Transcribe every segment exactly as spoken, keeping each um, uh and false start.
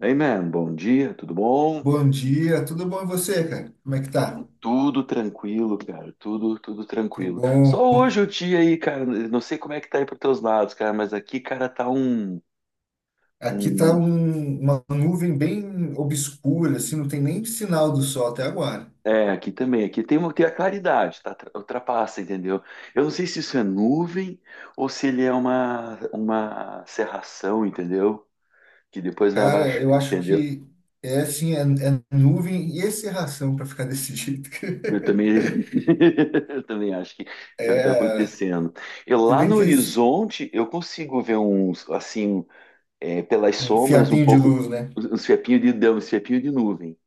Hey man, bom dia, tudo bom? Bom dia, tudo bom e você, cara? Como é que tá? Tudo tranquilo, cara, tudo, tudo Que tranquilo. bom. Só hoje o dia aí, cara, não sei como é que tá aí pros teus lados, cara, mas aqui, cara, tá um, Aqui tá um... um- uma nuvem bem obscura, assim, não tem nem sinal do sol até agora. É, aqui também, aqui tem, uma, tem a claridade, tá? Tra- Ultrapassa, entendeu? Eu não sei se isso é nuvem ou se ele é uma, uma cerração, entendeu? Que depois vai Cara, abaixar, eu acho entendeu? que é assim, é, é nuvem e encerração para ficar desse jeito. Eu também, eu também acho que é o que está É, acontecendo. E se lá bem no que s- horizonte eu consigo ver uns assim. É, pelas um sombras, um fiapinho de pouco. luz, né? Uns fiapinhos de deu, uns fiapinhos de nuvem.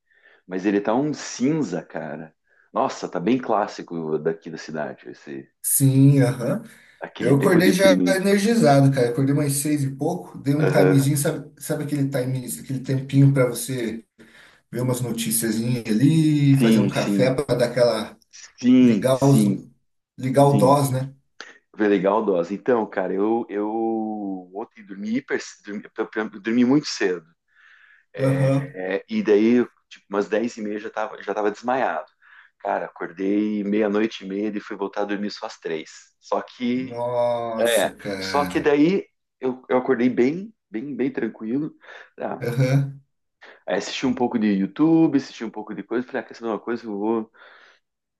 Mas ele tá um cinza, cara. Nossa, tá bem clássico daqui da cidade, esse, Sim, aham. aquele Eu tempo acordei já deprimido. energizado, cara. Acordei umas seis e pouco, dei um Aham. timezinho, sabe, sabe aquele time, aquele tempinho para você ver umas noticiazinhas ali, fazer um Sim, café sim, para dar aquela sim, ligar os sim, ligar o sim. D O S, né? Foi legal, dose. Então, cara, eu, eu ontem dormi hiper, dormi, dormi muito cedo. Aham. É, e daí, tipo, umas dez e meia já tava, já tava desmaiado. Cara, acordei meia-noite e meia e fui voltar a dormir só às três. Só que É, Nossa, só que cara. daí eu, eu acordei bem, bem, bem tranquilo. Tá? Aham. Aí assisti um pouco de YouTube, assisti um pouco de coisa, falei, ah, quer saber uma coisa? Eu vou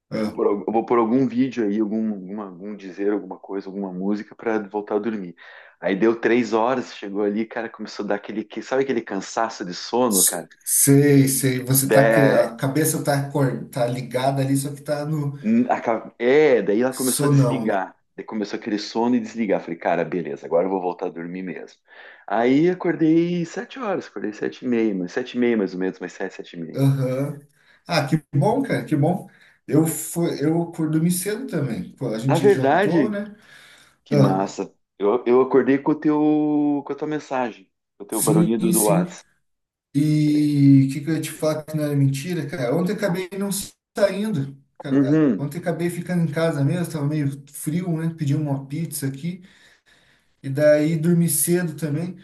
Ah, por, al- eu vou por algum vídeo aí, algum, alguma, algum dizer, alguma coisa, alguma música pra voltar a dormir. Aí deu três horas, chegou ali, cara, começou a dar aquele, que- sabe aquele cansaço de sono, cara? s- sei, sei. Você tá cri- a cabeça tá acor- tá ligada ali, só que tá no A ca- É, daí ela começou a sonão, né? desligar. Daí começou aquele sono e desligar. Falei, cara, beleza, agora eu vou voltar a dormir mesmo. Aí acordei sete horas, acordei sete e meia, mas sete e meia mais ou menos, mas sete, sete e meia. Aham. Ah, que bom, cara, que bom. Eu fui, eu dormi cedo também. Pô, a Na gente jantou, verdade, né? que Ah, massa. Eu, eu acordei com o teu, com a tua mensagem, com o teu sim, barulhinho do, do sim. WhatsApp. E o que, que eu ia te falar que não era mentira, cara? Ontem eu acabei não saindo. Cara, Uhum. ontem eu acabei ficando em casa mesmo, tava meio frio, né? Pedi uma pizza aqui. E daí dormi cedo também.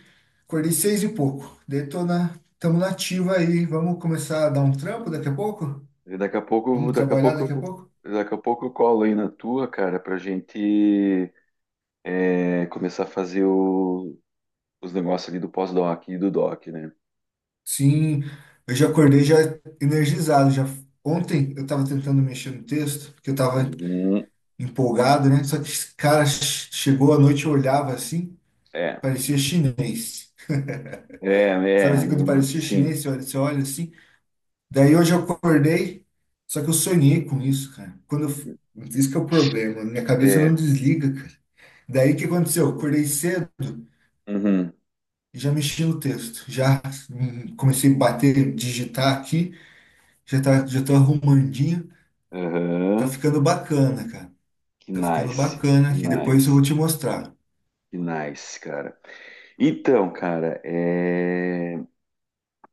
Acordei seis e pouco. Daí tô na, tamo na ativa aí. Vamos começar a dar um trampo daqui a pouco? E Daqui a pouco, eu Vamos vou- daqui a trabalhar pouco, eu daqui a vou- pouco? daqui a pouco eu colo aí na tua, cara, pra gente é, começar a fazer o- os negócios ali do pós-doc e do doc, né? Sim, eu já acordei já energizado. Já ontem eu estava tentando mexer no texto, porque eu estava Uhum. empolgado, né? Só que, cara, ch- chegou a noite, eu olhava assim. É, Parecia chinês. é, Sabe é, assim, quando normal. parecia Sim, chinês, você olha, você olha assim. Daí hoje eu acordei, só que eu sonhei com isso, cara. Quando eu, f- isso que é o problema, minha cabeça é. não desliga, cara. Daí o que aconteceu? Eu acordei cedo Uhum. e já mexi no texto. Já hum, comecei a bater, digitar aqui, já tá, já tô arrumandinho. Tá Aham. ficando bacana, cara. Que Tá ficando nice, bacana que aqui. Depois eu vou nice, te mostrar. que nice, cara. Então, cara, é...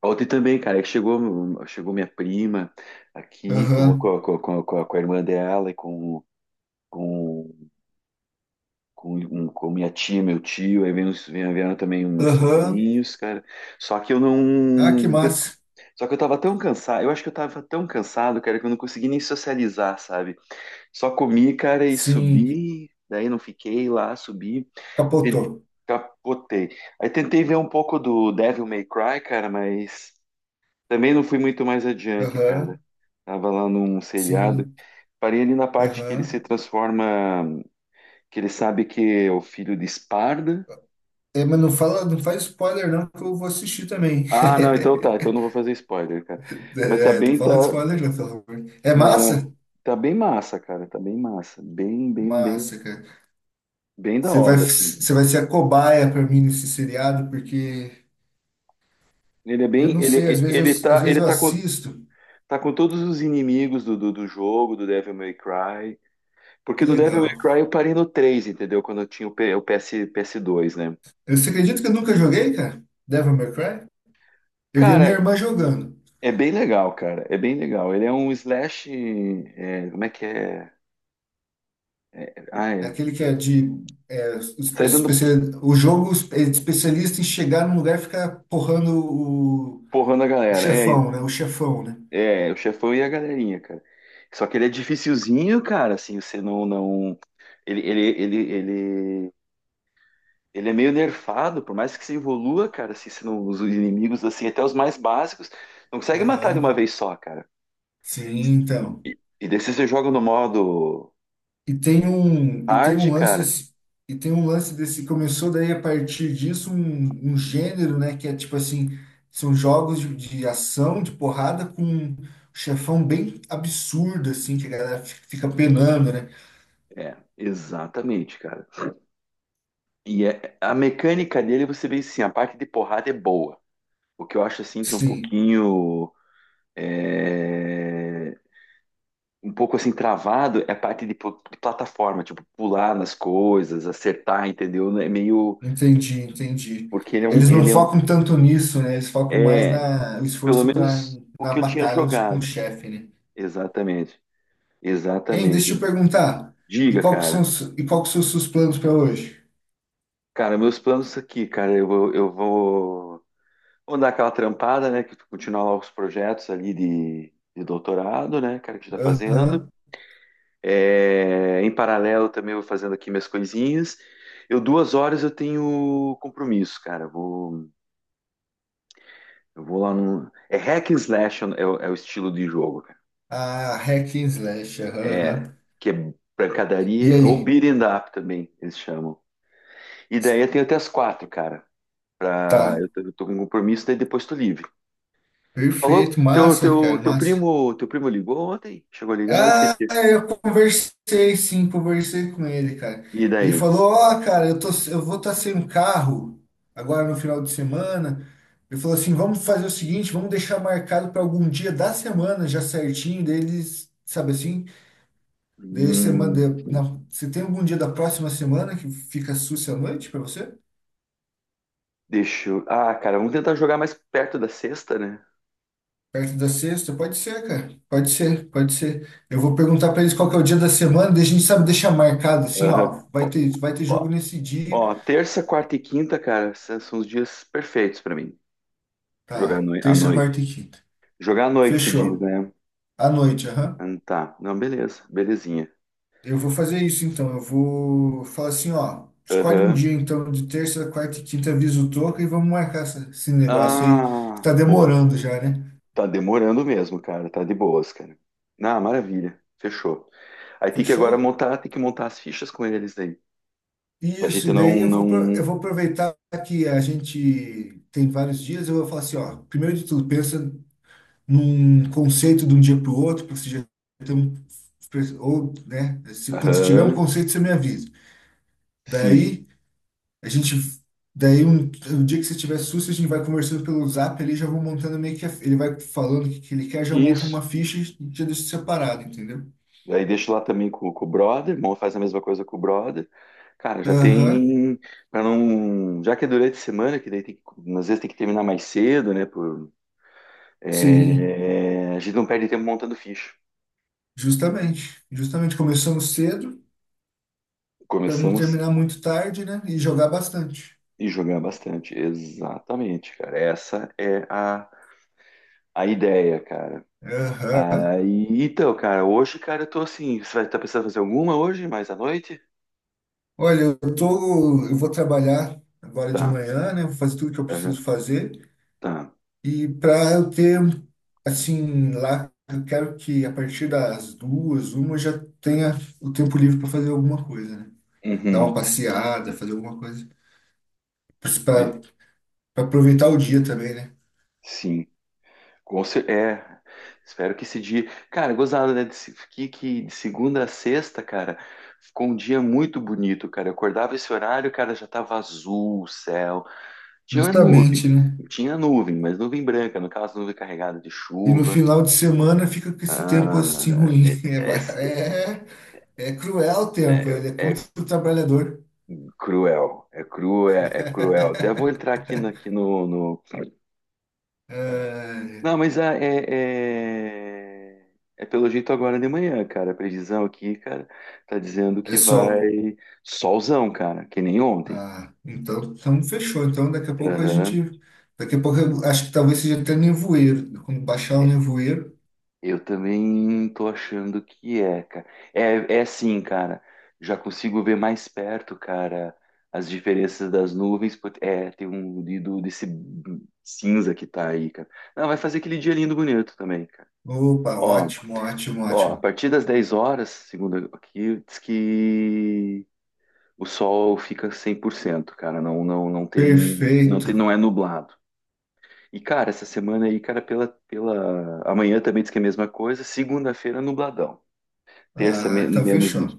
ontem também, cara, que chegou, chegou minha prima aqui com, Aham, com, com, com, com a com a irmã dela e com, com, com, um- com minha tia, meu tio, aí vieram, vieram vieram também os meus aham. sobrinhos, cara. Só que eu Ah, que não. massa. Só que eu tava tão cansado, eu acho que eu tava tão cansado, cara, que eu não consegui nem socializar, sabe? Só comi, cara, e Sim, subi, daí não fiquei lá, subi, te- capotou. capotei. Aí tentei ver um pouco do Devil May Cry, cara, mas também não fui muito mais adiante, cara. Aham, Tava lá num seriado, sim. parei ali na parte que ele se Aham. transforma, que ele sabe que é o filho de Esparda. É, mas não fala, não faz spoiler não, que eu vou assistir também. Ah, não, então tá, então não vou fazer spoiler, cara. Mas tá É, não bem, tá, fala spoiler não, pelo amor. É não, é. massa? Tá bem massa, cara. Tá bem massa. Bem, bem, bem, Massa, cara. bem da Você vai, hora, assim. você vai ser a cobaia pra mim nesse seriado, porque Ele é eu bem. não sei, Ele, às ele vezes eu, às tá, vezes ele eu tá com, assisto. tá com todos os inimigos do, do, do jogo, do Devil May Cry. Que Porque no Devil legal. May Cry eu parei no três, entendeu? Quando eu tinha o, P- o P S, ps dois, né? Eu- Você acredita que eu nunca joguei, cara? Devil May Cry? Eu vi a minha Cara, irmã jogando. é bem legal, cara. É bem legal. Ele é um slash. É, como é que é? É Ai, aquele que é de, é, espe- sai dando especia- o jogo é especialista em chegar num lugar e ficar porrando o, porrão na o galera. É, chefão, né? O chefão, né? é, o chefão e a galerinha, cara. Só que ele é dificilzinho, cara, assim, você não, não. Ele, ele, ele, ele, ele é meio nerfado, por mais que você evolua, cara, assim, você não, os inimigos, assim, até os mais básicos, não consegue matar de uma Aham. vez só, cara. Sim, então. E, e daí se você joga no modo E tem um, e tem hard, um lance, cara, esse- e tem um lance desse, começou daí a partir disso um, um gênero, né, que é tipo assim, são jogos de, de ação, de porrada com um chefão bem absurdo assim, que a galera fi- fica penando, né? é, exatamente, cara. E é- a mecânica dele, você vê, assim, a parte de porrada é boa. O que eu acho, assim, que é um Sim, pouquinho... é, um pouco assim travado é a parte de, pl- de plataforma, tipo, pular nas coisas, acertar, entendeu? É meio. entendi, entendi. Porque ele é um. Eles não Ele é, um- focam tanto nisso, né? Eles focam mais é, na, o pelo esforço na, menos o na que eu tinha batalha dos- com o jogado. chefe, né? Exatamente. Hein, Exatamente. deixa eu perguntar. E Diga, qual que são, cara. os- e qual que são os seus planos para hoje? Cara, meus planos aqui, cara, eu, vou- eu vou. Vou dar aquela trampada, né? Que continuar lá os projetos ali de, de doutorado, né, cara, que a gente tá fazendo. Aham. É, em paralelo também eu vou fazendo aqui minhas coisinhas. Eu duas horas eu tenho compromisso, cara. Eu vou, eu vou lá no. É hack and slash, é, o é o estilo de jogo, cara. A hack and slash. Aham, aham. É que é E pancadaria ou aí? beat 'em up também eles chamam. E daí eu tenho até as quatro, cara. Ah, Tá. eu tô, eu tô com um compromisso, daí depois tô livre. Falou? Perfeito. Teu, Massa, teu, cara. teu Massa. primo, teu primo ligou ontem? Chegou a ligar? Eu Ah, esqueci. eu conversei, sim. Conversei com ele, cara. E Ele daí? falou, ó, cara, eu tô, eu vou estar sem um carro agora no final de semana. Ele falou assim, vamos fazer o seguinte, vamos deixar marcado para algum dia da semana já certinho deles, sabe assim? Daí semana, Hum, de- na, você tem algum dia da próxima semana que fica sussa à noite para você? deixa eu... Ah, cara, vamos tentar jogar mais perto da sexta, né? Perto da sexta? Pode ser, cara. Pode ser, pode ser. Eu vou perguntar pra eles qual que é o dia da semana, daí a gente sabe deixar marcado assim, Aham. ó. Vai Ó, ter, vai ter ó, jogo nesse dia. ó, terça, quarta e quinta, cara, são são os dias perfeitos pra mim. Jogar à Tá, noi- à terça, quarta noite. e quinta. Jogar à noite se diz, Fechou. né? À noite, aham. Ah, tá. Não, beleza. Belezinha. Eu vou fazer isso então. Eu vou falar assim, ó. Escolhe um Aham. dia então de terça, quarta e quinta, avisa o Toca e vamos marcar essa- esse negócio aí que Ah, tá boa. demorando já, né? Tá demorando mesmo, cara. Tá de boas, cara. Ah, maravilha. Fechou. Aí tem que agora Fechou? montar, tem que montar as fichas com eles daí. Pra Isso, gente e não, daí eu vou, pro- eu não. vou aproveitar que a gente tem vários dias, eu vou falar assim, ó, primeiro de tudo, pensa num conceito de um dia para o outro, porque você já tem um, ou, né, se, quando você tiver um Aham. conceito, você me avisa. Sim. Daí, a gente, daí um, um dia que você tiver susto, a gente vai conversando pelo Zap, ele já vou montando meio que, a- ele vai falando o que, que ele quer, já monta uma Isso. ficha e já deixa separado, entendeu? Daí deixo lá também com, com, o brother, irmão faz a mesma coisa com o brother. Cara, já Aham, tem para não, já que é durante a semana, que daí tem que, às vezes tem que terminar mais cedo, né, por sim, é, a gente não perde tempo montando ficha. justamente. Justamente começamos cedo, para não Começamos terminar muito tarde, né, e jogar bastante. e jogando bastante. Exatamente, cara. Essa é a, a ideia, cara. Aham. Aí, então, cara, hoje, cara, eu tô assim, você vai estar pensando em fazer alguma hoje, mais à noite? Olha, eu tô, eu vou trabalhar agora de Tá. manhã, né? Vou fazer tudo que eu Aham, preciso fazer. tá. E para eu ter, assim, lá, eu quero que a partir das duas, uma, eu já tenha o tempo livre para fazer alguma coisa, né? Dar uma Uhum. passeada, fazer alguma coisa. Pois é. Para aproveitar o dia também, né? Sim. Com cer- É, espero que esse dia. Cara, gozado, né? de se- Que, que de segunda a sexta, cara, ficou um dia muito bonito, cara. Eu acordava esse horário, cara, já tava azul o céu. Tinha nuvem, Justamente, né? tinha nuvem, mas nuvem branca, no caso, nuvem carregada de E no chuva. final de semana fica com esse tempo assim Ah, ruim. é, É, é, é cruel o tempo, é, ele é é- contra é o trabalhador. cruel, é cruel, é é cruel. Até vou entrar aqui, na- aqui no, no- É, Não, mas ah, é, é, é pelo jeito agora de manhã, cara. A previsão aqui, cara, tá dizendo É que sol. vai solzão, cara, que nem ontem. Ah, então, então fechou. Então daqui a pouco a Aham. gente. Daqui a pouco eu acho que talvez seja até nevoeiro. Quando baixar o nevoeiro. Eu também tô achando que é, cara. É, é sim, cara. Já consigo ver mais perto, cara, as diferenças das nuvens. Pô, é, tem um de- do- desse cinza que tá aí, cara. Não, vai fazer aquele dia lindo bonito também, cara. Opa, Ó, ótimo, ótimo, ó, a ótimo. partir das dez horas, segundo aqui, diz que o sol fica cem por cento, cara, não não não tem não tem não Perfeito. é nublado. E cara, essa semana aí, cara, pela pela amanhã também diz que é a mesma coisa, segunda-feira nubladão, terça Ah, men- então menos fechou. nu-. O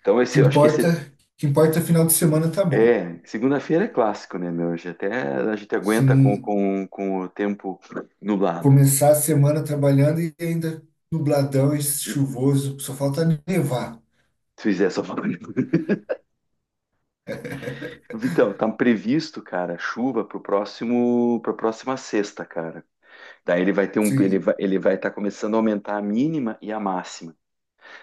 Então que esse eu acho que importa, esse o que importa é final de semana tá bom. é, segunda-feira é clássico, né, meu? Hoje até a gente aguenta com Sim, com, com o tempo nublado. começar a semana trabalhando e ainda nubladão e chuvoso, só falta nevar. Se fizer só falando. Vitão, tá previsto, cara, chuva pro próximo, pra próxima sexta, cara. Daí ele vai ter um, ele Sim. vai, ele vai estar começando a aumentar a mínima e a máxima.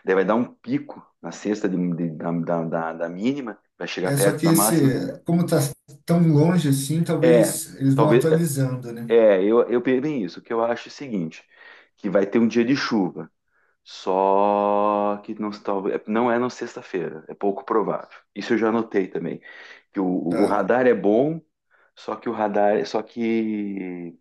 Daí vai dar um pico na sexta de- de- da, da, da- da mínima, vai chegar É só perto que da esse, máxima. como tá tão longe assim, É, talvez eles vão talvez. atualizando, né? É, eu, eu penso bem isso. O que eu acho é o seguinte: que vai ter um dia de chuva. Só que não, talvez, não é na sexta-feira, é pouco provável. Isso eu já notei também. Que o, o Tá. radar é bom, só que o radar, só que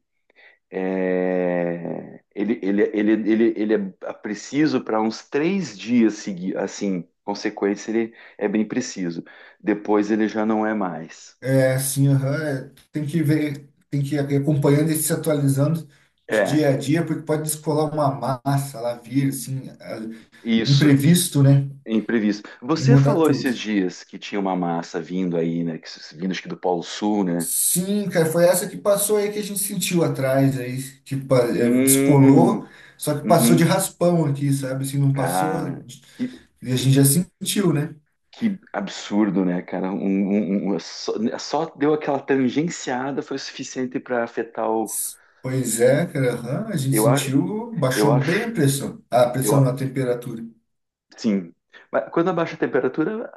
É, ele, ele, ele, ele, ele é preciso para uns três dias seguir, assim, consequência, ele é bem preciso. Depois ele já não é mais. É, assim, aham, é, tem que ver, tem que ir acompanhando e se atualizando de É, dia a dia, porque pode descolar uma massa lá vir, assim, a- isso, imprevisto, né? imprevisto. E Você mudar falou esses tudo. dias que tinha uma massa vindo aí, né? que se- vindo acho que do Polo Sul, né? Sim, cara, foi essa que passou aí que a gente sentiu atrás, aí, que pa- é, descolou, Hum. só que passou de Uhum. raspão aqui, sabe? Assim, não passou, Cara, de- que, e a gente já sentiu, né? que absurdo, né, cara? Um, um- um- um, só, só deu aquela tangenciada foi o suficiente para afetar o. S- Pois é, cara, aham, a gente Eu acho. sentiu, Eu baixou bem a acho, pressão, a eu, pressão a- na temperatura. sim. Mas quando abaixa a temperatura,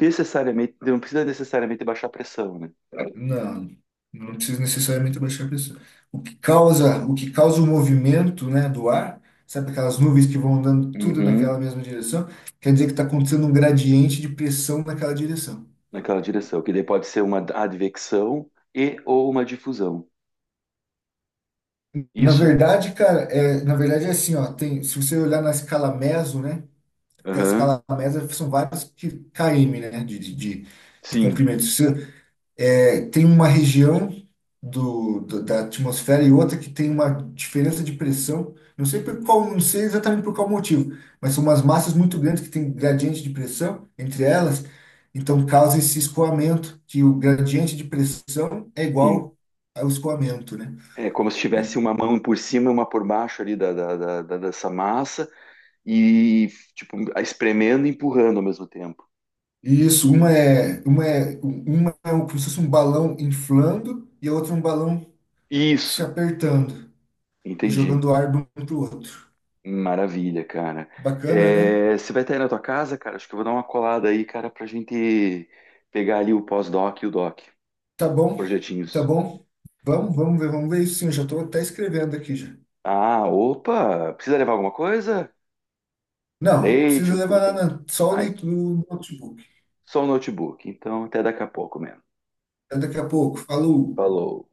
necessariamente, não precisa necessariamente baixar a pressão, né? Não, não precisa necessariamente abaixar a pressão. O que causa, o que causa o movimento, né, do ar, sabe aquelas nuvens que vão andando tudo Uhum. naquela mesma direção? Quer dizer que está acontecendo um gradiente de pressão naquela direção. Naquela direção, que daí pode ser uma advecção e ou uma difusão. Na Isso? verdade, cara, é, na verdade é assim, ó, tem, se você olhar na escala meso, né, que a Aham. escala meso são várias que quilômetros, né, de, de, de de Sim, comprimento. Se você é, tem uma região do, do- da atmosfera e outra que tem uma diferença de pressão. Não sei por qual, não sei exatamente por qual motivo, mas são umas massas muito grandes que têm gradiente de pressão entre elas, então causa esse escoamento, que o gradiente de pressão é sim. igual ao escoamento, né? É como se tivesse uma mão por cima e uma por baixo ali da, da, da, da- dessa massa e, tipo, espremendo e empurrando ao mesmo tempo. E isso, uma é, uma é, uma é um, como se fosse um balão inflando e a outra um balão se Isso, apertando e entendi. jogando ar de um para o outro. Maravilha, cara. Bacana, né? É, você vai estar aí na tua casa, cara? Acho que eu vou dar uma colada aí, cara, pra gente pegar ali o pós-doc e o doc, Tá bom, tá projetinhos. bom. Vamos, vamos ver, vamos ver isso sim. Eu já tô até escrevendo aqui já. Ah, opa! Precisa levar alguma coisa? Um Não, não leite, precisa um levar cuca. nada, não. Só o Ai, leitura do notebook. só um notebook. Então, até daqui a pouco mesmo. Até daqui a pouco. Falou. Falou.